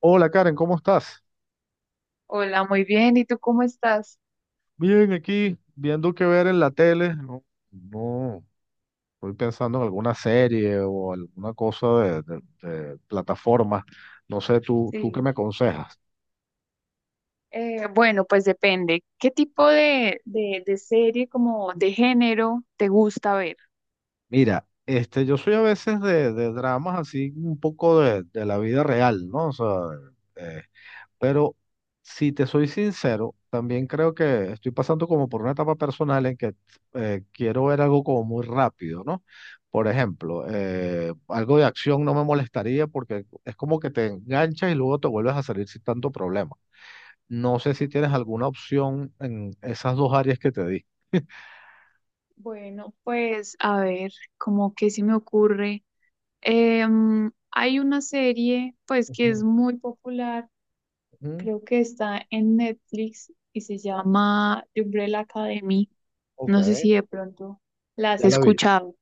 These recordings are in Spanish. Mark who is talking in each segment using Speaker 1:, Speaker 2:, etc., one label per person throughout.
Speaker 1: Hola Karen, ¿cómo estás?
Speaker 2: Hola, muy bien. ¿Y tú cómo estás?
Speaker 1: Bien, aquí viendo qué ver en la tele. No, no, estoy pensando en alguna serie o alguna cosa de plataforma. No sé, ¿tú qué
Speaker 2: Sí.
Speaker 1: me aconsejas?
Speaker 2: Bueno, pues depende. ¿Qué tipo de serie como de género te gusta ver?
Speaker 1: Mira, este, yo soy a veces de dramas así un poco de la vida real, ¿no? O sea, eh, pero si te soy sincero, también creo que estoy pasando como por una etapa personal en que quiero ver algo como muy rápido, ¿no? Por ejemplo, algo de acción no me molestaría porque es como que te enganchas y luego te vuelves a salir sin tanto problema. No sé si tienes
Speaker 2: Ok.
Speaker 1: alguna opción en esas dos áreas que te di.
Speaker 2: Bueno, pues a ver, como que se me ocurre. Hay una serie, pues que es
Speaker 1: Ujú,
Speaker 2: muy popular,
Speaker 1: ujú.
Speaker 2: creo que está en Netflix y se llama The Umbrella Academy.
Speaker 1: Ok,
Speaker 2: No sé si de pronto la has
Speaker 1: ya la vi.
Speaker 2: escuchado.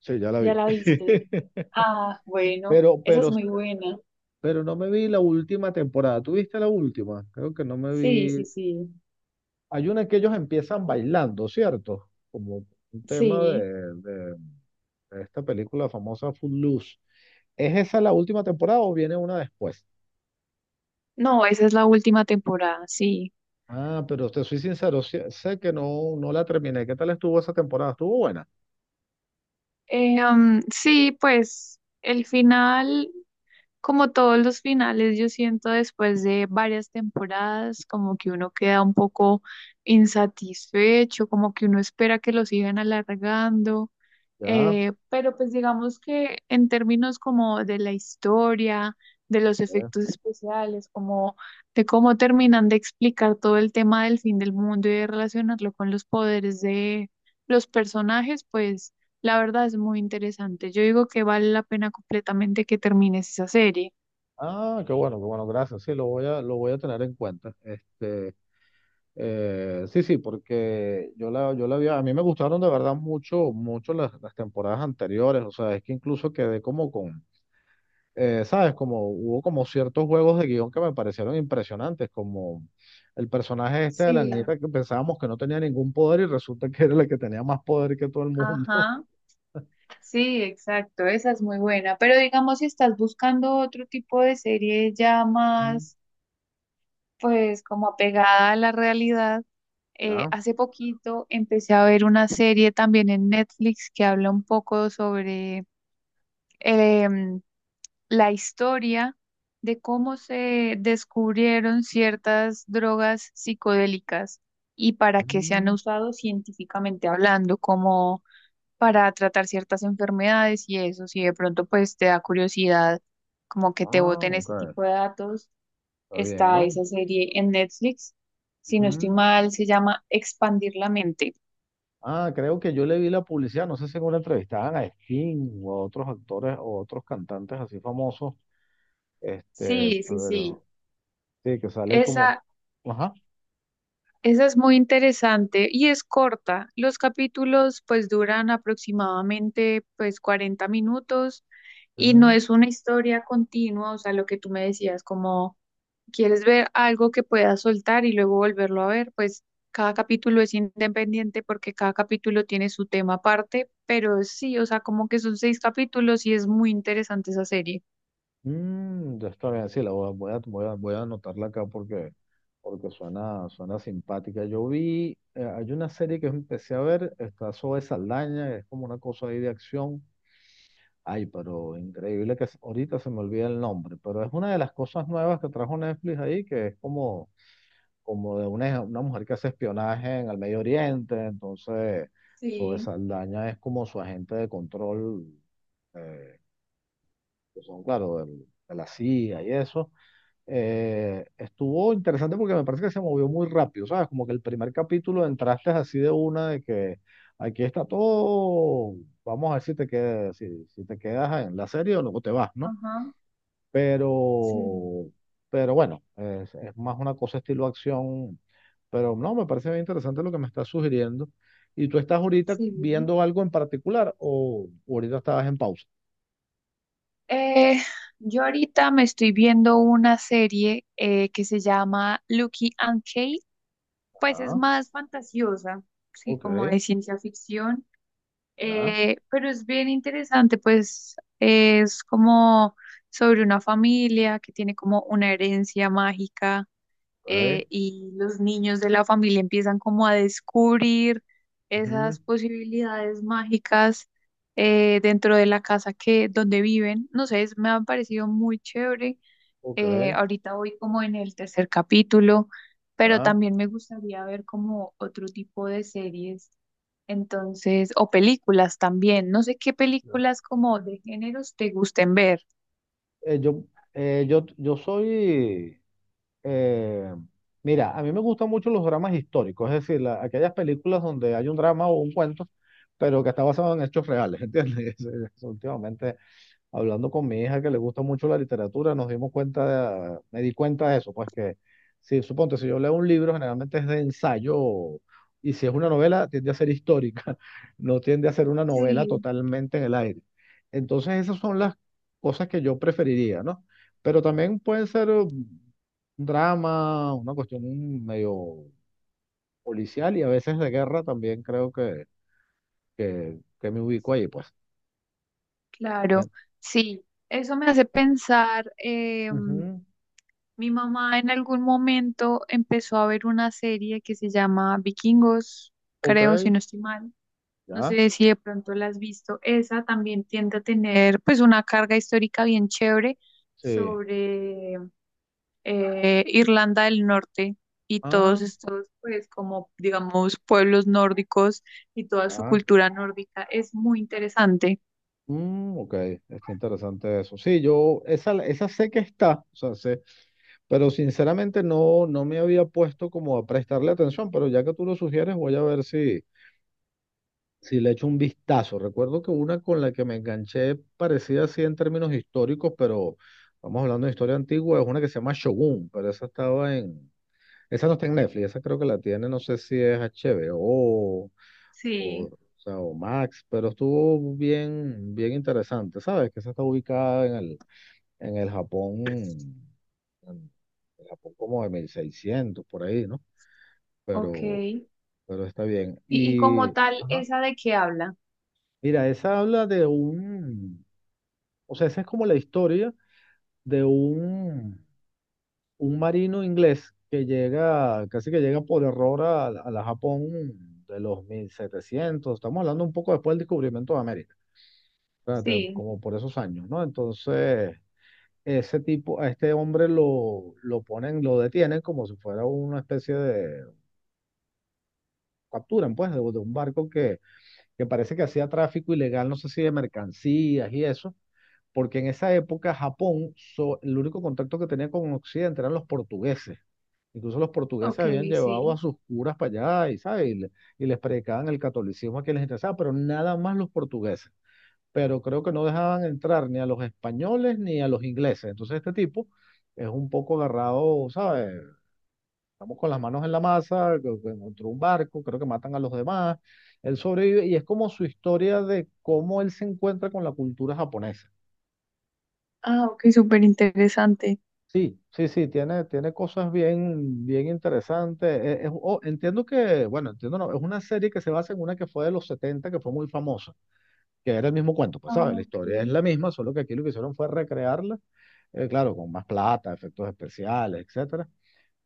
Speaker 1: Sí, ya la
Speaker 2: ¿Ya
Speaker 1: vi.
Speaker 2: la viste? Ah, bueno,
Speaker 1: Pero,
Speaker 2: esa es
Speaker 1: pero,
Speaker 2: muy buena.
Speaker 1: pero no me vi la última temporada. ¿Tuviste la última? Creo que no me
Speaker 2: Sí, sí,
Speaker 1: vi.
Speaker 2: sí,
Speaker 1: Hay una en que ellos empiezan bailando, ¿cierto? Como un tema
Speaker 2: sí.
Speaker 1: de esta película famosa Footloose. ¿Es esa la última temporada o viene una después?
Speaker 2: No, esa es la última temporada, sí.
Speaker 1: Ah, pero te soy sincero, sé que no, no la terminé. ¿Qué tal estuvo esa temporada? ¿Estuvo buena?
Speaker 2: Sí, pues el final. Como todos los finales, yo siento después de varias temporadas, como que uno queda un poco insatisfecho, como que uno espera que lo sigan alargando,
Speaker 1: Ya.
Speaker 2: pero pues digamos que en términos como de la historia, de los
Speaker 1: Ya.
Speaker 2: efectos especiales, como de cómo terminan de explicar todo el tema del fin del mundo y de relacionarlo con los poderes de los personajes, pues... La verdad es muy interesante. Yo digo que vale la pena completamente que termines esa serie.
Speaker 1: Ah, qué bueno, gracias. Sí, lo voy a tener en cuenta. Este, sí, sí, porque yo la vi, a mí me gustaron de verdad mucho, mucho las temporadas anteriores. O sea, es que incluso quedé como con ¿sabes? Como hubo como ciertos juegos de guión que me parecieron impresionantes, como el personaje este de la
Speaker 2: Sí,
Speaker 1: niñita que pensábamos que no tenía ningún poder y resulta que era la que tenía más poder que todo el mundo.
Speaker 2: ajá, sí, exacto, esa es muy buena. Pero digamos, si estás buscando otro tipo de serie ya
Speaker 1: Mm,
Speaker 2: más, pues como apegada a la realidad,
Speaker 1: ¿ya?
Speaker 2: hace poquito empecé a ver una serie también en Netflix que habla un poco sobre, em, la historia de cómo se descubrieron ciertas drogas psicodélicas y para qué se han
Speaker 1: Mm,
Speaker 2: usado científicamente hablando, como para tratar ciertas enfermedades y eso, si de pronto pues te da curiosidad, como que te
Speaker 1: ah,
Speaker 2: boten
Speaker 1: ok.
Speaker 2: ese tipo de datos,
Speaker 1: Está bien,
Speaker 2: está
Speaker 1: ¿no?
Speaker 2: esa serie en Netflix, si no estoy
Speaker 1: Ujú.
Speaker 2: mal, se llama Expandir la mente.
Speaker 1: Ah, creo que yo le vi la publicidad, no sé si en una entrevistaban a Sting o a otros actores o a otros cantantes así famosos, este,
Speaker 2: Sí, sí, sí.
Speaker 1: pero sí, que sale como,
Speaker 2: Esa,
Speaker 1: ajá.
Speaker 2: Esa es muy interesante y es corta. Los capítulos pues duran aproximadamente pues 40 minutos y no es una historia continua, o sea, lo que tú me decías, como quieres ver algo que puedas soltar y luego volverlo a ver, pues cada capítulo es independiente porque cada capítulo tiene su tema aparte, pero sí, o sea, como que son seis capítulos y es muy interesante esa serie.
Speaker 1: Mm, ya está bien, sí, la voy a, voy a, voy a- voy a anotarla acá porque suena simpática. Yo vi, hay una serie que empecé a ver, está Zoe Saldaña, es como una cosa ahí de acción. Ay, pero increíble que ahorita se me olvida el nombre, pero es una de las cosas nuevas que trajo Netflix ahí, que es como, como de una mujer que hace espionaje en el Medio Oriente, entonces Zoe
Speaker 2: Sí,
Speaker 1: Saldaña es como su agente de control, eh, que son, claro, de la CIA y eso. Estuvo interesante porque me parece que se movió muy rápido, ¿sabes? Como que el primer capítulo entraste así de una de que aquí está todo, vamos a ver si te quedas, si te quedas en la serie o luego te vas, ¿no?
Speaker 2: ajá, sí,
Speaker 1: Pero, pero bueno, es más una cosa estilo acción, pero no, me parece bien interesante lo que me estás sugiriendo. ¿Y tú estás ahorita
Speaker 2: sí.
Speaker 1: viendo algo en particular o ahorita estabas en pausa?
Speaker 2: Eh, yo ahorita me estoy viendo una serie que se llama Lucky and Kate, pues es
Speaker 1: Ajá,
Speaker 2: más fantasiosa, sí,
Speaker 1: ok,
Speaker 2: como de ciencia ficción,
Speaker 1: ya,
Speaker 2: pero es bien interesante, pues es como sobre una familia que tiene como una herencia mágica,
Speaker 1: ok,
Speaker 2: y los niños de la familia empiezan como a descubrir
Speaker 1: ujú,
Speaker 2: esas posibilidades mágicas, dentro de la casa que donde viven. No sé, es- me ha parecido muy chévere.
Speaker 1: ok,
Speaker 2: Ahorita voy como en el tercer capítulo, pero
Speaker 1: ya.
Speaker 2: también me gustaría ver como otro tipo de series. Entonces, o películas también. No sé qué películas como de géneros te gusten ver.
Speaker 1: eh, yo, eh, yo, yo soy, eh, Mira, a mí me gustan mucho los dramas históricos, es decir, aquellas películas donde hay un drama o un cuento, pero que está basado en hechos reales, ¿entiendes? Eso. Últimamente hablando con mi hija que le gusta mucho la literatura, nos dimos cuenta me di cuenta de eso, pues que si suponte, si yo leo un libro, generalmente es de ensayo, y si es una novela, tiende a ser histórica, no tiende a ser una novela
Speaker 2: Sí,
Speaker 1: totalmente en el aire. Entonces, esas son las cosas que yo preferiría, ¿no? Pero también pueden ser un drama, una cuestión medio policial y a veces de guerra también creo que me ubico ahí, pues.
Speaker 2: claro.
Speaker 1: Bien.
Speaker 2: Sí, eso me hace pensar.
Speaker 1: Ujú,
Speaker 2: Mi mamá en algún momento empezó a ver una serie que se llama Vikingos,
Speaker 1: ok,
Speaker 2: creo, si no estoy mal. No
Speaker 1: ya,
Speaker 2: sé si de pronto la has visto. Esa también tiende a tener pues una carga histórica bien chévere
Speaker 1: sí.
Speaker 2: sobre Irlanda del Norte y todos
Speaker 1: Ah,
Speaker 2: estos pues como digamos pueblos nórdicos y toda su
Speaker 1: ya.
Speaker 2: cultura nórdica. Es muy interesante.
Speaker 1: Mm, ok, está interesante eso. Sí, yo esa sé que está, o sea, sé, pero sinceramente no, no me había puesto como a prestarle atención, pero ya que tú lo sugieres, voy a ver si le echo un vistazo. Recuerdo que una con la que me enganché parecía así en términos históricos, pero vamos hablando de historia antigua, es una que se llama Shogun, pero esa no está en Netflix, esa creo que la tiene, no sé si es HBO o
Speaker 2: Sí,
Speaker 1: sea, o Max, pero estuvo bien, bien interesante, ¿sabes? Que esa está ubicada en el Japón, en el Japón como de 1600 por ahí, ¿no?
Speaker 2: ok.
Speaker 1: Pero, pero está bien.
Speaker 2: Y como
Speaker 1: Y,
Speaker 2: tal,
Speaker 1: ajá.
Speaker 2: ¿esa de qué habla?
Speaker 1: Mira, esa habla o sea, esa es como la historia de un marino inglés que llega, casi que llega por error a la Japón de los 1700, estamos hablando un poco después del descubrimiento de América. Espérate,
Speaker 2: Sí,
Speaker 1: como por esos años, ¿no? Entonces, a este hombre lo ponen, lo detienen como si fuera una especie de, capturan pues, de un barco que parece que hacía tráfico ilegal, no sé si de mercancías y eso, porque en esa época Japón, el único contacto que tenía con Occidente eran los portugueses. Incluso los portugueses
Speaker 2: ok,
Speaker 1: habían llevado a
Speaker 2: sí.
Speaker 1: sus curas para allá y, ¿sabes? Y les predicaban el catolicismo a quien les interesaba, pero nada más los portugueses. Pero creo que no dejaban entrar ni a los españoles ni a los ingleses. Entonces este tipo es un poco agarrado, ¿sabes? Estamos con las manos en la masa, que encontró un barco, creo que matan a los demás, él sobrevive y es como su historia de cómo él se encuentra con la cultura japonesa.
Speaker 2: Ah, ok, súper interesante.
Speaker 1: Sí, sí, sí, tiene cosas bien, bien interesantes. Oh, entiendo que, bueno, entiendo, no, es una serie que se basa en una que fue de los 70 que fue muy famosa, que era el mismo cuento, pues
Speaker 2: Ah,
Speaker 1: sabes, la
Speaker 2: ok.
Speaker 1: historia es la misma, solo que aquí lo que hicieron fue recrearla, claro, con más plata, efectos especiales, etcétera,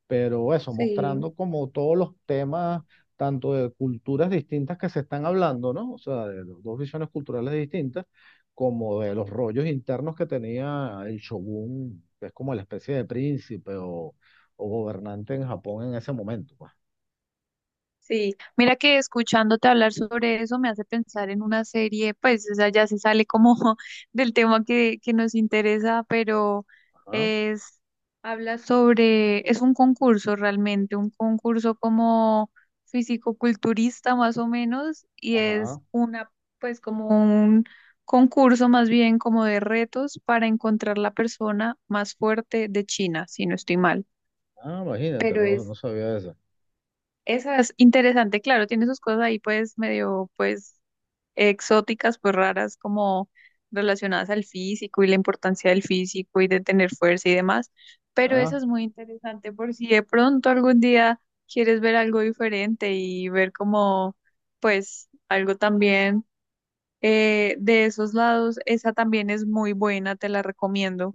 Speaker 1: pero eso,
Speaker 2: Sí,
Speaker 1: mostrando como todos los temas, tanto de culturas distintas que se están hablando, ¿no? O sea, de los dos visiones culturales distintas, como de los rollos internos que tenía el shogun, que es como la especie de príncipe o gobernante en Japón en ese momento, pues.
Speaker 2: sí, mira que escuchándote hablar sobre eso me hace pensar en una serie, pues, o sea, ya se sale como del tema que nos interesa, pero
Speaker 1: Ajá,
Speaker 2: es, habla sobre, es un concurso realmente, un concurso como físico culturista más o menos, y
Speaker 1: ajá.
Speaker 2: es una, pues, como un concurso más bien como de retos para encontrar la persona más fuerte de China, si no estoy mal.
Speaker 1: Ah, imagínate,
Speaker 2: Pero
Speaker 1: no, no
Speaker 2: es
Speaker 1: sabía eso.
Speaker 2: esa es interesante, claro, tiene sus cosas ahí pues medio pues exóticas, pues raras como relacionadas al físico y la importancia del físico y de tener fuerza y demás, pero eso es muy interesante por si de pronto algún día quieres ver algo diferente y ver como pues algo también, de esos lados, esa también es muy buena, te la recomiendo.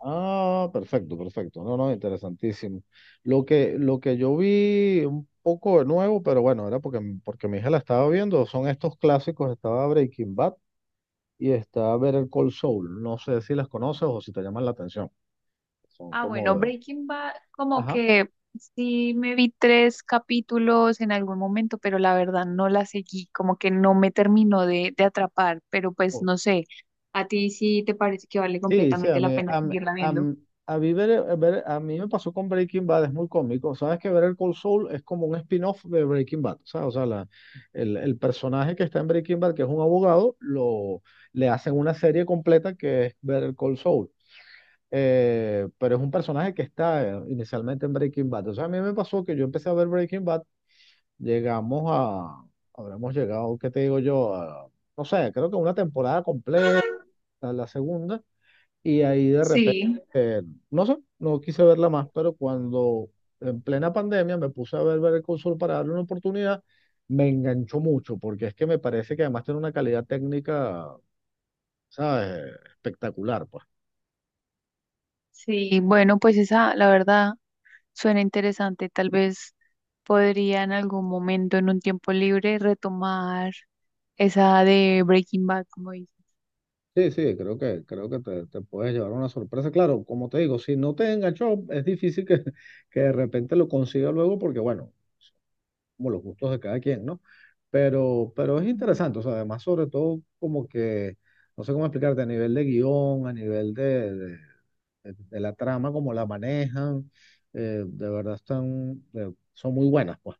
Speaker 1: Ah, perfecto, perfecto. No, no, interesantísimo. Lo que yo vi un poco de nuevo, pero bueno, era porque mi hija la estaba viendo, son estos clásicos, estaba Breaking Bad y está Better Call Saul. No sé si las conoces o si te llaman la atención. Son
Speaker 2: Ah,
Speaker 1: como
Speaker 2: bueno,
Speaker 1: de...
Speaker 2: Breaking Bad, como
Speaker 1: Ajá.
Speaker 2: que sí me vi 3 capítulos en algún momento, pero la verdad no la seguí, como que no me terminó de atrapar, pero pues no sé, ¿a ti sí te parece que vale
Speaker 1: Sí, sí, a
Speaker 2: completamente la
Speaker 1: mí,
Speaker 2: pena
Speaker 1: a, mí-
Speaker 2: seguirla
Speaker 1: a,
Speaker 2: viendo?
Speaker 1: mí- a mí a mí me pasó con Breaking Bad, es muy cómico. Sabes que ver el Cold Soul es como un spin-off de Breaking Bad. ¿Sabes? O sea, el personaje que está en Breaking Bad, que es un abogado, lo, le hacen una serie completa que es ver el Cold Soul. Pero es un personaje que está inicialmente en Breaking Bad. O sea, a mí me pasó que yo empecé a ver Breaking Bad, llegamos a, habremos llegado, ¿qué te digo yo? No sé, creo que una temporada completa, la segunda. Y ahí de repente,
Speaker 2: Sí,
Speaker 1: eh, no sé, no quise verla más, pero cuando en plena pandemia me puse a ver el Consul para darle una oportunidad, me enganchó mucho, porque es que me parece que además tiene una calidad técnica, ¿sabes? Espectacular, pues.
Speaker 2: sí, bueno, pues esa, la verdad, suena interesante, tal vez podría en algún momento, en un tiempo libre, retomar esa de Breaking Bad, como dices.
Speaker 1: Sí, sí, creo que te puedes llevar una sorpresa. Claro, como te digo, si no te enganchó, es difícil que, que de repente lo consiga luego, porque bueno, como los gustos de cada quien, ¿no? Pero es
Speaker 2: Ujú.
Speaker 1: interesante, o sea, además sobre todo como que, no sé cómo explicarte, a nivel de guión, a nivel de la trama, como la manejan, de verdad están, son muy buenas, pues.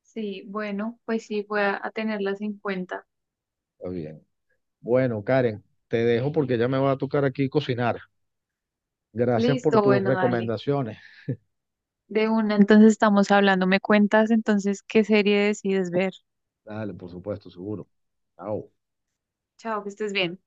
Speaker 2: Sí, bueno, pues sí, voy a tenerlas en cuenta.
Speaker 1: Está bien. Bueno, Karen, te dejo porque ya me va a tocar aquí cocinar. Gracias por
Speaker 2: Listo,
Speaker 1: tus
Speaker 2: bueno, dale.
Speaker 1: recomendaciones.
Speaker 2: De una, entonces estamos hablando. ¿Me cuentas entonces qué serie decides ver?
Speaker 1: Dale, por supuesto, seguro. Chao.
Speaker 2: Chao, que estés bien.